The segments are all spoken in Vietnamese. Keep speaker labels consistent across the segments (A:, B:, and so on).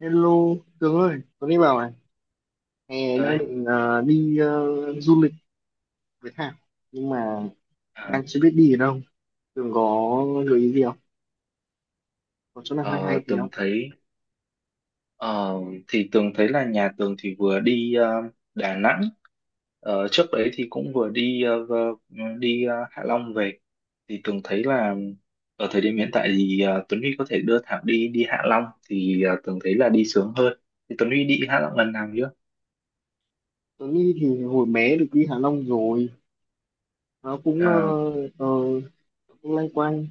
A: Hello, Tường ơi, Tuấn đi bảo này, hè đang
B: Đấy.
A: định đi du lịch với Thảo, nhưng mà
B: À,
A: đang chưa biết đi ở đâu. Tường có gợi ý gì không? Có chỗ nào hay hay
B: ờ,
A: thì
B: Tường
A: không?
B: thấy ờ, thì Tường thấy là nhà Tường thì vừa đi Đà Nẵng. Trước đấy thì cũng vừa đi đi Hạ Long về, thì Tường thấy là ở thời điểm hiện tại thì Tuấn Huy có thể đưa Thảo đi đi Hạ Long, thì Tường thấy là đi sướng hơn. Thì Tuấn Huy đi Hạ Long lần nào chưa?
A: Tuấn đi thì hồi bé được đi Hạ Long rồi, nó cũng
B: À,
A: ờ, cũng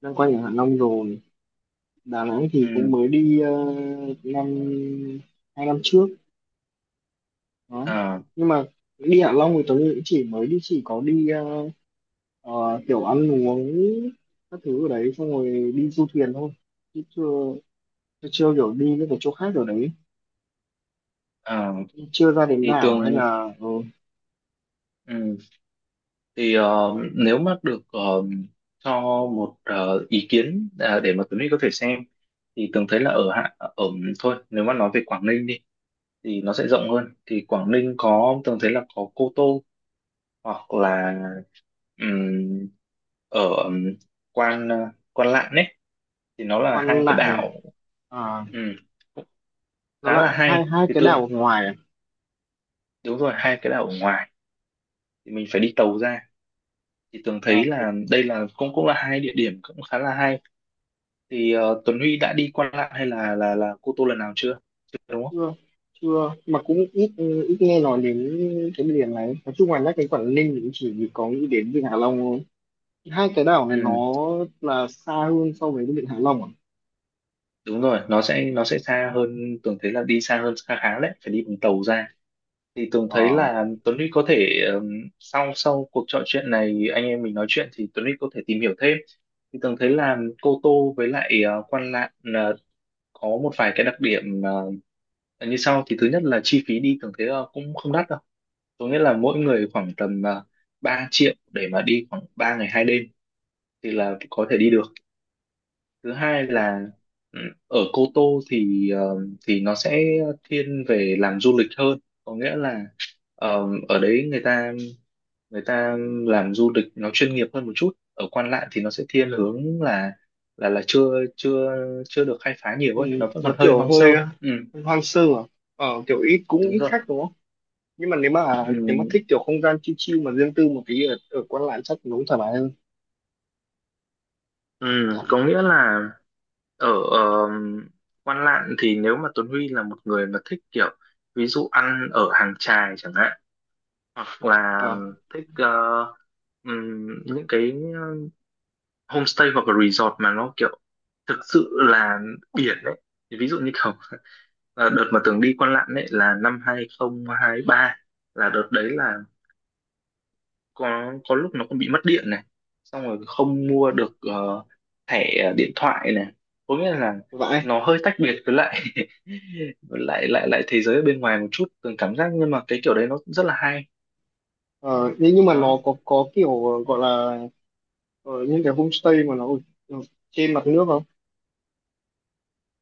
A: loanh quanh ở Hạ Long rồi. Đà Nẵng thì cũng
B: ừ,
A: mới đi năm hai năm trước, đó.
B: à,
A: Nhưng mà đi Hạ Long thì Tuấn cũng chỉ có đi Ờ, kiểu ăn uống các thứ ở đấy xong rồi đi du thuyền thôi chứ chưa chưa, chưa kiểu đi những cái chỗ khác ở đấy,
B: à,
A: chưa ra đến
B: thì
A: đảo
B: Tường
A: hay là ờ,
B: ừ, thì nếu mà được, cho một ý kiến, à, để mà Tuấn Huy có thể xem. Thì Tường thấy là ở thôi, nếu mà nói về Quảng Ninh đi thì nó sẽ rộng hơn. Thì Quảng Ninh có, Tường thấy là có Cô Tô, hoặc là ừm, ở Quan ờ, Quan Lạn ấy, thì nó là hai
A: Quan
B: cái
A: Lạn này
B: đảo.
A: à,
B: ừm, Cũng
A: nó
B: khá là
A: là hai
B: hay,
A: hai
B: thì
A: cái
B: Tường
A: đảo ngoài à,
B: đúng rồi, hai cái đảo ở ngoài, thì mình phải đi tàu ra. Thì Tường thấy
A: à phải-
B: là đây là cũng cũng là hai địa điểm cũng khá là hay. Thì Tuấn Huy đã đi Quan Lạn hay là Cô Tô lần nào chưa? Chưa, đúng
A: chưa chưa mà cũng ít ít nghe nói đến cái miền này. Nói chung là nhắc đến Quảng Ninh thì cũng chỉ có nghĩ đến Vịnh Hạ Long thôi. Hai cái đảo này
B: không?
A: nó là xa hơn so với cái Vịnh Hạ Long à,
B: Đúng rồi, nó sẽ xa hơn. Tường thấy là đi xa hơn khá khá đấy, phải đi bằng tàu ra. Thì Tường thấy
A: Ờ,
B: là Tuấn Huy có thể, sau sau cuộc trò chuyện này anh em mình nói chuyện, thì Tuấn Huy có thể tìm hiểu thêm. Thì Tường thấy là Cô Tô với lại Quan Lạn có một vài cái đặc điểm như sau. Thì thứ nhất là chi phí đi, Tường thấy cũng không đắt đâu. Có nghĩa là mỗi người khoảng tầm 3 triệu để mà đi khoảng 3 ngày 2 đêm thì là có thể đi được. Thứ hai là, ừ, ở Cô Tô thì thì nó sẽ thiên về làm du lịch hơn. Có nghĩa là ở đấy người ta người ta làm du lịch nó chuyên nghiệp hơn một chút. Ở Quan Lạn thì nó sẽ thiên hướng là chưa chưa chưa được khai phá nhiều
A: ừ,
B: ấy, nó vẫn còn
A: nó
B: hơi
A: kiểu
B: hoang sơ.
A: hơi
B: Ừ,
A: hoang sơ à. Ờ, kiểu ít, cũng
B: đúng
A: ít
B: rồi.
A: khách đúng không? Nhưng mà nếu mà
B: Ừ,
A: thích kiểu không gian chill chill mà riêng tư một tí, ở Quan Lạn chắc nó thoải mái hơn.
B: ừ, có nghĩa là ở Quan Lạn thì nếu mà Tuấn Huy là một người mà thích kiểu ví dụ ăn ở hàng chài chẳng hạn, hoặc là
A: Ờ,
B: thích những cái homestay hoặc là resort mà nó kiểu thực sự là biển đấy. Thì ví dụ như kiểu đợt mà Tường đi Quan Lạn đấy là 2023, là đợt đấy là có lúc nó còn bị mất điện này, xong rồi không mua được thẻ điện thoại này. Có nghĩa là
A: vậy.
B: nó hơi tách biệt với lại với lại lại lại thế giới ở bên ngoài một chút, Tường cảm giác. Nhưng mà cái kiểu đấy nó rất là hay.
A: Ờ, nhưng mà nó
B: Đó,
A: có kiểu gọi là ờ, những cái homestay mà nó ở ở trên mặt nước không,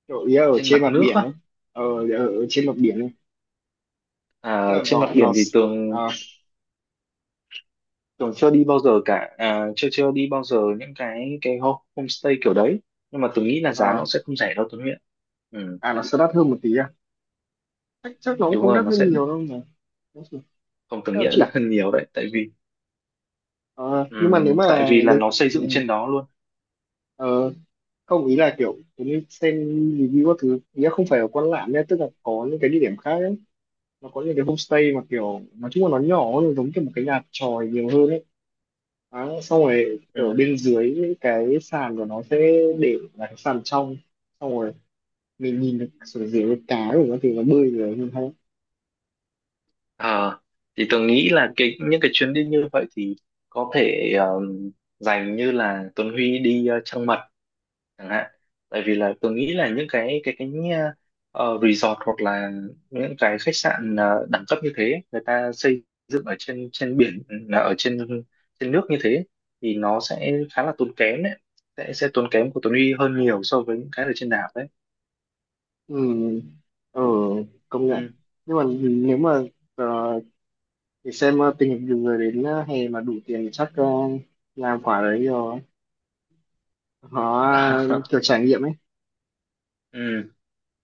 A: kiểu ý là ở
B: trên
A: trên
B: mặt
A: mặt
B: nước
A: biển
B: á?
A: ấy, ờ, ở trên mặt biển ấy, tức
B: À,
A: là
B: trên mặt
A: nó
B: biển thì
A: à,
B: Tường, Tường chưa đi bao giờ cả. À, chưa, chưa đi bao giờ những cái ho- homestay kiểu đấy. Nhưng mà Tường nghĩ là giá nó
A: à,
B: sẽ không rẻ đâu, Tuấn Nguyễn. Ừ,
A: à nó sẽ đắt hơn một tí à? Chắc chắc nó cũng
B: đúng
A: không
B: rồi,
A: đắt
B: nó
A: hơn
B: sẽ,
A: nhiều đâu mà.
B: không, Tường
A: Chắc
B: nghĩ
A: là
B: là đắt
A: chỉ
B: hơn nhiều đấy,
A: ờ, nhưng mà nếu
B: tại
A: mà
B: vì là
A: nếu
B: nó xây
A: ừ.
B: dựng trên đó luôn.
A: ờ, Không, ý là kiểu giống như xem review các thứ, nghĩa không phải ở Quan Lạn nhé, tức là có những cái địa điểm khác ấy, nó có những cái homestay mà kiểu nói chung là nó nhỏ, nó giống kiểu một cái nhà chòi nhiều hơn ấy. À, xong rồi ở
B: Ừ.
A: bên dưới cái sàn của nó sẽ để là cái sàn trong, xong rồi mình nhìn được xuống dưới cái cá của nó thì nó bơi rồi nhìn thấy.
B: À, thì Tường nghĩ là cái những cái chuyến đi như vậy thì có thể dành như là Tuấn Huy đi Trăng Mật chẳng hạn. Tại vì là tôi nghĩ là những cái resort hoặc là những cái khách sạn đẳng cấp như thế người ta xây dựng ở trên trên biển, là ở trên trên nước như thế, thì nó sẽ khá là tốn kém đấy. Sẽ tốn kém của Tuấn Huy hơn nhiều so với những cái ở trên đảo đấy.
A: Ừ, ờ, công nhận.
B: Ừ.
A: Nhưng mà nếu mà ờ, thì xem tình hình nhiều người đến hè mà đủ tiền thì chắc làm quả đấy rồi, họ à, kiểu trải nghiệm ấy.
B: Ừ.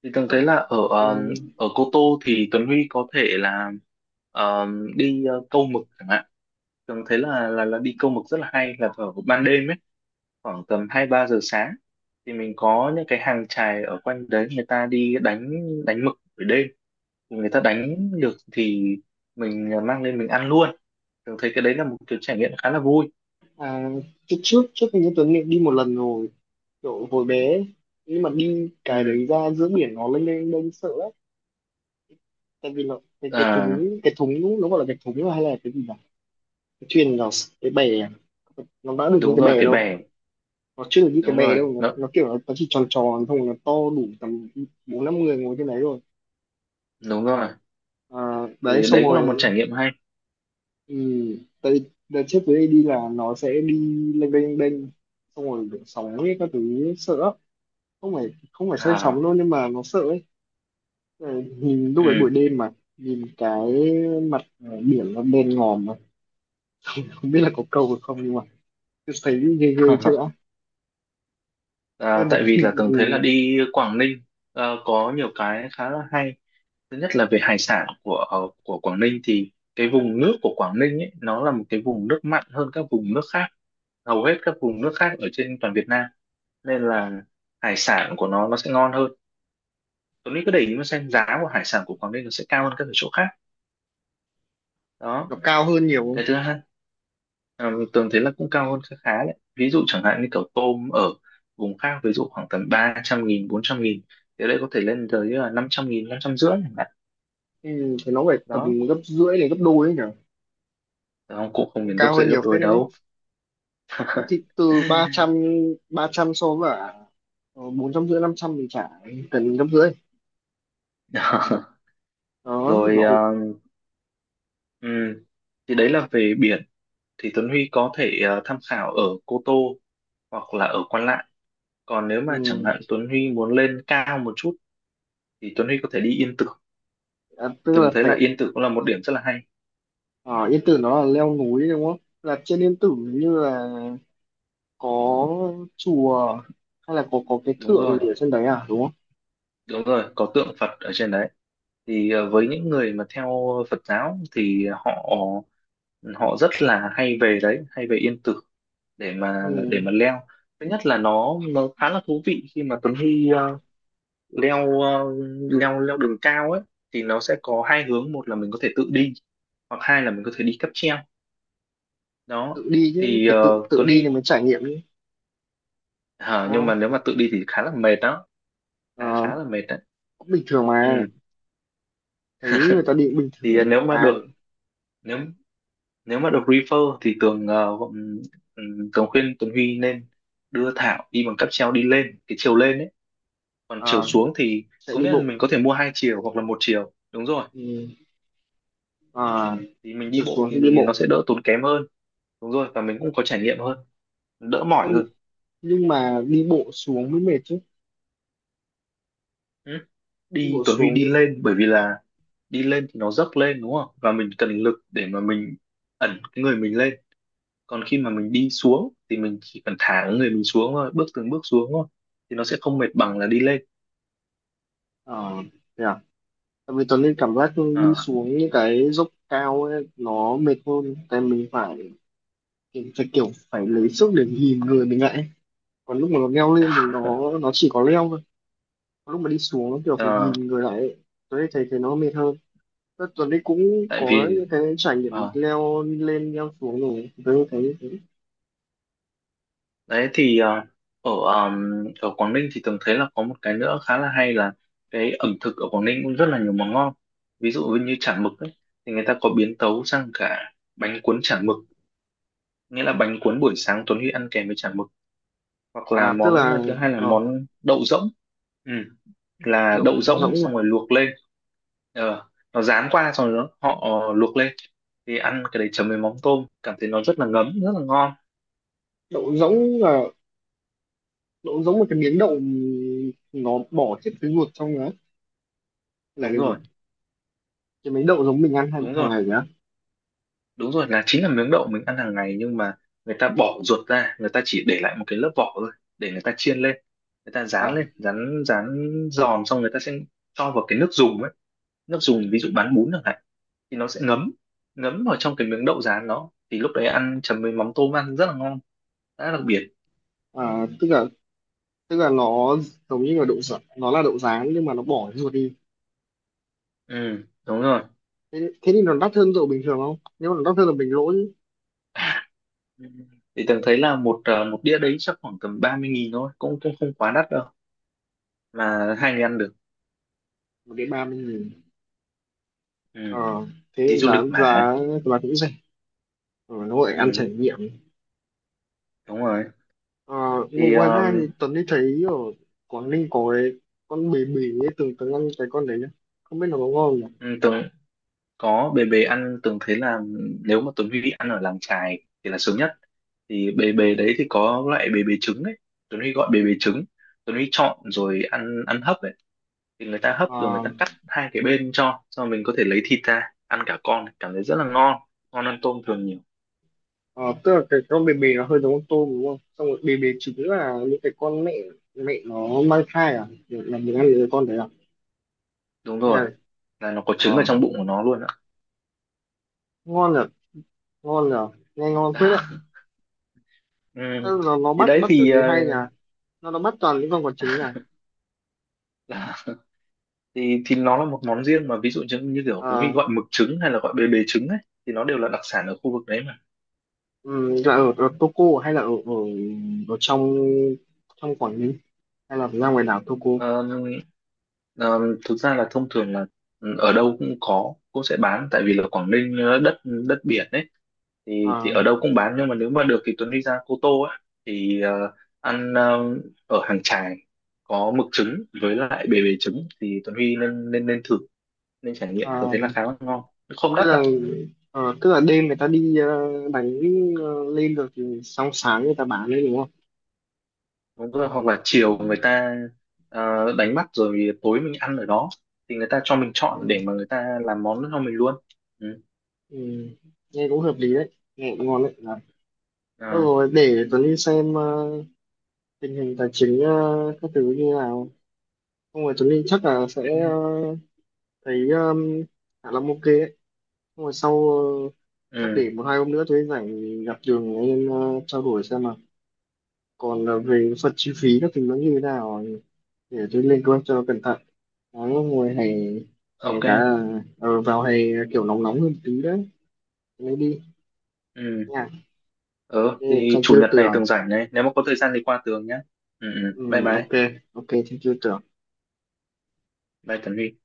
B: Thì tôi thấy là ở
A: Ừ.
B: ở Cô Tô thì Tuấn Huy có thể là ờ, đi câu mực chẳng hạn. Tôi thấy là đi câu mực rất là hay, là vào ban đêm ấy, khoảng tầm 2-3 giờ sáng. Thì mình có những cái hàng chài ở quanh đấy, người ta đi đánh, đánh mực buổi đêm, người ta đánh được thì mình mang lên mình ăn luôn. Thường thấy cái đấy là một kiểu trải nghiệm khá là vui.
A: À, trước trước trước hình như Tuấn đi một lần rồi, kiểu hồi bé ấy. Nhưng mà đi cái
B: Ừ.
A: đấy ra giữa biển nó lên lên lên sợ lắm, tại vì là cái
B: À,
A: thúng, nó gọi là cái thúng hay là cái gì nhỉ, cái thuyền nó, cái bè à? Nó đã được như
B: đúng
A: cái
B: rồi,
A: bè
B: cái
A: đâu,
B: bè.
A: nó chưa được như cái
B: Đúng
A: bè
B: rồi,
A: đâu,
B: nó
A: nó kiểu nó chỉ tròn tròn thôi, nó to đủ tầm bốn năm người ngồi trên đấy rồi
B: đúng rồi.
A: à, đấy
B: Thì
A: xong
B: đấy cũng là một
A: rồi.
B: trải nghiệm hay.
A: Ừ, tại đợt trước với AD là nó sẽ đi lênh đênh, xong rồi kiểu sóng ấy các thứ ấy, sợ lắm. Không phải, không phải say sóng
B: À,
A: đâu nhưng mà nó sợ ấy. Ờ, nhìn lúc ấy
B: ừ.
A: buổi đêm mà nhìn cái mặt biển nó đen ngòm mà không biết là có câu được không, nhưng mà cứ thấy ghê ghê chứ đã cho
B: À,
A: nên
B: tại vì là tưởng thấy là
A: ừ,
B: đi Quảng Ninh, à, có nhiều cái khá là hay. Thứ nhất là về hải sản của của Quảng Ninh, thì cái vùng nước của Quảng Ninh ấy nó là một cái vùng nước mặn hơn các vùng nước khác, hầu hết các vùng nước khác ở trên toàn Việt Nam, nên là hải sản của nó sẽ ngon hơn. Tuấn Mỹ cứ để ý mà xem, giá của hải sản của Quảng Ninh nó sẽ cao hơn ở chỗ khác. Đó.
A: nó cao hơn nhiều không?
B: Cái thứ hai, Tường thấy là cũng cao hơn khá khá đấy, ví dụ chẳng hạn như kiểu tôm ở vùng khác ví dụ khoảng tầm 300.000 400.000, thì ở đây có thể lên tới là 500.000 550 chẳng hạn.
A: Ừ, thì nó phải tầm
B: Đó.
A: gấp rưỡi đến gấp đôi ấy nhỉ.
B: Đó, cũng không
A: Cũng
B: đến gấp
A: cao
B: rưỡi
A: hơn
B: gấp
A: nhiều
B: đôi
A: phết đấy chứ.
B: đâu.
A: Ừ, thì từ ba trăm, so với bốn trăm rưỡi, năm trăm thì chả cần gấp rưỡi. Đó
B: Rồi,
A: gọi
B: ừm, thì đấy là về biển. Thì Tuấn Huy có thể tham khảo ở Cô Tô hoặc là ở Quan Lạn. Còn nếu mà chẳng
A: ừ.
B: hạn Tuấn Huy muốn lên cao một chút thì Tuấn Huy có thể đi Yên Tử.
A: À,
B: Thì
A: tức
B: từng
A: là
B: thấy
A: phải
B: là Yên Tử cũng là một điểm rất là hay.
A: ở Yên Tử, nó là leo núi đúng không, là trên Yên Tử như là có chùa, hay là có cái
B: Đúng
A: tượng
B: rồi,
A: gì ở trên đấy à, đúng không?
B: đúng rồi, có tượng Phật ở trên đấy. Thì với những người mà theo Phật giáo thì họ họ rất là hay về đấy, hay về Yên Tử để mà
A: Ừ.
B: leo. Thứ nhất là nó khá là thú vị khi mà Tuấn Huy leo leo leo đường cao ấy. Thì nó sẽ có hai hướng, một là mình có thể tự đi, hoặc hai là mình có thể đi cáp treo. Đó,
A: Tự đi chứ,
B: thì
A: phải tự tự
B: Tuấn
A: đi thì
B: Huy
A: mới trải nghiệm chứ,
B: hả?
A: đúng
B: Nhưng mà
A: không?
B: nếu mà tự đi thì khá là mệt đó, khá
A: Ờ,
B: khá là mệt đấy.
A: cũng bình thường mà,
B: Ừ.
A: thấy người ta đi cũng bình
B: Thì
A: thường
B: nếu mà được,
A: ai.
B: nếu nếu mà được refer thì Tường, Tường khuyên Tuấn Huy nên đưa Thảo đi bằng cáp treo, đi lên cái chiều lên ấy, còn chiều
A: À,
B: xuống thì
A: sẽ
B: có
A: đi
B: nghĩa là
A: bộ.
B: mình có thể mua hai chiều hoặc là một chiều. Đúng rồi,
A: Ừ. À,
B: thì mình đi
A: chiều
B: bộ
A: xuống sẽ đi
B: thì
A: bộ.
B: nó sẽ đỡ tốn kém hơn. Đúng rồi, và mình cũng có trải nghiệm hơn, đỡ mỏi
A: Không,
B: hơn.
A: nhưng mà đi bộ xuống mới mệt chứ.
B: Ừ.
A: Đi
B: Đi
A: bộ
B: Tuấn Huy
A: xuống,
B: đi lên, bởi vì là đi lên thì nó dốc lên đúng không, và mình cần lực để mà mình ẩn cái người mình lên. Còn khi mà mình đi xuống thì mình chỉ cần thả cái người mình xuống thôi, bước từng bước xuống thôi, thì nó sẽ không mệt bằng là đi lên.
A: ờ, thế à? Tại vì Tuấn Linh cảm giác đi
B: Ờ,
A: xuống những cái dốc cao ấy, nó mệt hơn, tại mình phải, mình phải kiểu phải lấy sức để nhìn người mình lại ấy. Còn lúc mà nó leo lên thì nó chỉ có leo thôi, còn lúc mà đi xuống nó kiểu phải
B: ờ,
A: nhìn người lại ấy. Tuấn Linh thấy thấy nó mệt hơn. Thế Tuấn Linh cũng
B: tại
A: có
B: vì
A: những cái trải nghiệm
B: ờ,
A: leo lên leo xuống rồi, Tuấn Linh thấy như thế.
B: đấy, thì ở ở Quảng Ninh thì từng thấy là có một cái nữa khá là hay, là cái ẩm thực ở Quảng Ninh cũng rất là nhiều món ngon. Ví dụ như chả mực ấy, thì người ta có biến tấu sang cả bánh cuốn chả mực, nghĩa là bánh cuốn buổi sáng Tuấn Huy ăn kèm với chả mực. Hoặc là
A: À tức
B: món
A: là
B: thứ hai là
A: ờ,
B: món đậu rỗng. Ừ. Là
A: đậu
B: đậu rỗng
A: rỗng mà.
B: xong rồi luộc lên. ờ, nó rán qua xong rồi nó- họ luộc lên, thì ăn cái đấy chấm với mắm tôm, cảm thấy nó rất là ngấm, rất là ngon.
A: Đậu rỗng là đậu rỗng, một cái miếng đậu nó bỏ hết cái ruột trong đó, là
B: Đúng
A: cái gì?
B: rồi,
A: Cái miếng đậu giống mình ăn hàng
B: đúng
A: hàng
B: rồi.
A: ngày nhá.
B: Đúng rồi, là chính là miếng đậu mình ăn hàng ngày, nhưng mà người ta bỏ ruột ra, người ta chỉ để lại một cái lớp vỏ thôi, để người ta chiên lên, người ta rán
A: À.
B: lên, rán rán giòn, xong người ta sẽ cho vào cái nước dùng ấy, nước dùng ví dụ bán bún chẳng hạn, thì nó sẽ ngấm, vào trong cái miếng đậu rán đó, thì lúc đấy ăn chấm với mắm tôm, ăn rất là ngon, rất đặc biệt.
A: À, tức là, nó giống như là đậu rán, nó là đậu rán nhưng mà nó bỏ cái ruột đi.
B: Ừ, đúng rồi.
A: Thế, thế thì nó đắt hơn đậu bình thường không? Nếu mà nó đắt hơn là bình lỗ chứ.
B: Ừ. Thì tưởng thấy là một một đĩa đấy chắc khoảng tầm 30.000 thôi, cũng cũng không quá đắt đâu, mà hai người ăn được.
A: Một đến ba mươi nghìn.
B: Ừ,
A: Ờ, thế
B: đi
A: cũng
B: du
A: giá
B: lịch mà.
A: giá là cũng rẻ. Ờ, nó gọi là ăn trải
B: Ừ,
A: nghiệm.
B: đúng rồi.
A: Ờ, mà
B: Thì
A: ngoài ra thì Tuấn đi thấy ở Quảng Ninh có cái con bì bì ấy, từng từng ăn cái con đấy nhá. Không biết nó có ngon không nhỉ?
B: tưởng có bề bề ăn, tưởng thấy là nếu mà Tuấn Huy ăn ở làng chài thì là sướng nhất. Thì bề bề đấy thì có loại bề bề trứng ấy, Tuấn Huy gọi bề bề trứng, Tuấn Huy chọn rồi ăn ăn hấp ấy, thì người ta hấp rồi người
A: Ờ,
B: ta cắt hai cái bên cho mình có thể lấy thịt ra ăn cả con, cảm thấy rất là ngon, ngon hơn tôm thường nhiều.
A: ờ, tức là cái con bì bì nó hơi giống con tôm đúng không? Xong rồi bì bì chính là những cái con mẹ, mẹ nó mang thai à? Là mình ăn những cái con đấy à?
B: Đúng
A: Hay
B: rồi,
A: là
B: là nó có trứng ở
A: ờ,
B: trong bụng của nó luôn ạ.
A: ngon nhở, ngon nhở, nghe ngon phết đấy.
B: Đó. Ừ.
A: Tức là nó
B: Thì
A: bắt
B: đấy
A: bắt cái
B: thì
A: gì hay nhỉ, nó bắt toàn những con quả trứng nhỉ.
B: là, thì nó là một món riêng, mà ví dụ như, như kiểu Tuấn Huy
A: À,
B: gọi mực trứng hay là gọi bề bề trứng ấy, thì nó đều là đặc sản ở khu vực đấy mà.
A: ừ, là ở Toko hay là ở ở ở trong, Quảng Ninh, hay là ra ngoài đảo Toko?
B: Ờ, ờ, thực ra là thông thường là, ừ, ở đâu cũng có, cũng sẽ bán, tại vì là Quảng Ninh đất đất biển ấy, thì
A: À,
B: ở đâu cũng bán. Nhưng mà nếu mà được thì Tuấn đi ra Cô Tô á, thì ăn ở hàng chài, có mực trứng với lại bề bề trứng, thì Tuấn Huy nên nên nên thử, nên trải nghiệm. Tôi
A: à,
B: thấy là khá là ngon, không
A: tức
B: đắt
A: là
B: đâu.
A: tức là đêm người ta đi đánh lên được thì sáng sáng người ta bán đấy đúng không?
B: Đúng rồi, hoặc là chiều người ta đánh bắt rồi tối mình ăn ở đó, thì người ta cho mình
A: À,
B: chọn để mà người ta làm món cho mình luôn. Ừ.
A: ừ, nghe cũng hợp lý đấy, nghe cũng ngon đấy à.
B: Ờ.
A: Rồi để Tuấn đi xem tình hình tài chính các thứ như nào. Không rồi Tuấn Linh chắc là sẽ thấy Hạ Long ok đấy, nhưng mà sau chắc để
B: Ừ,
A: một hai hôm nữa tôi rảnh thì gặp Đường em trao đổi xem, mà còn về phần chi phí các thứ nó như thế nào, để tôi lên kế hoạch cho nó cẩn thận. Nó ngồi hè,
B: ok.
A: vào hè kiểu nóng, nóng hơn tí đấy lấy đi
B: Ừ,
A: nha.
B: ừ,
A: Yeah,
B: thì
A: thank
B: chủ
A: you
B: nhật này
A: Tường.
B: Tường rảnh này, nếu mà có thời gian thì qua Tường nhé. Ừ, ừ,
A: Ừ,
B: bye bye.
A: ok. Ok, thank you Tường.
B: Bye Tấn Huy.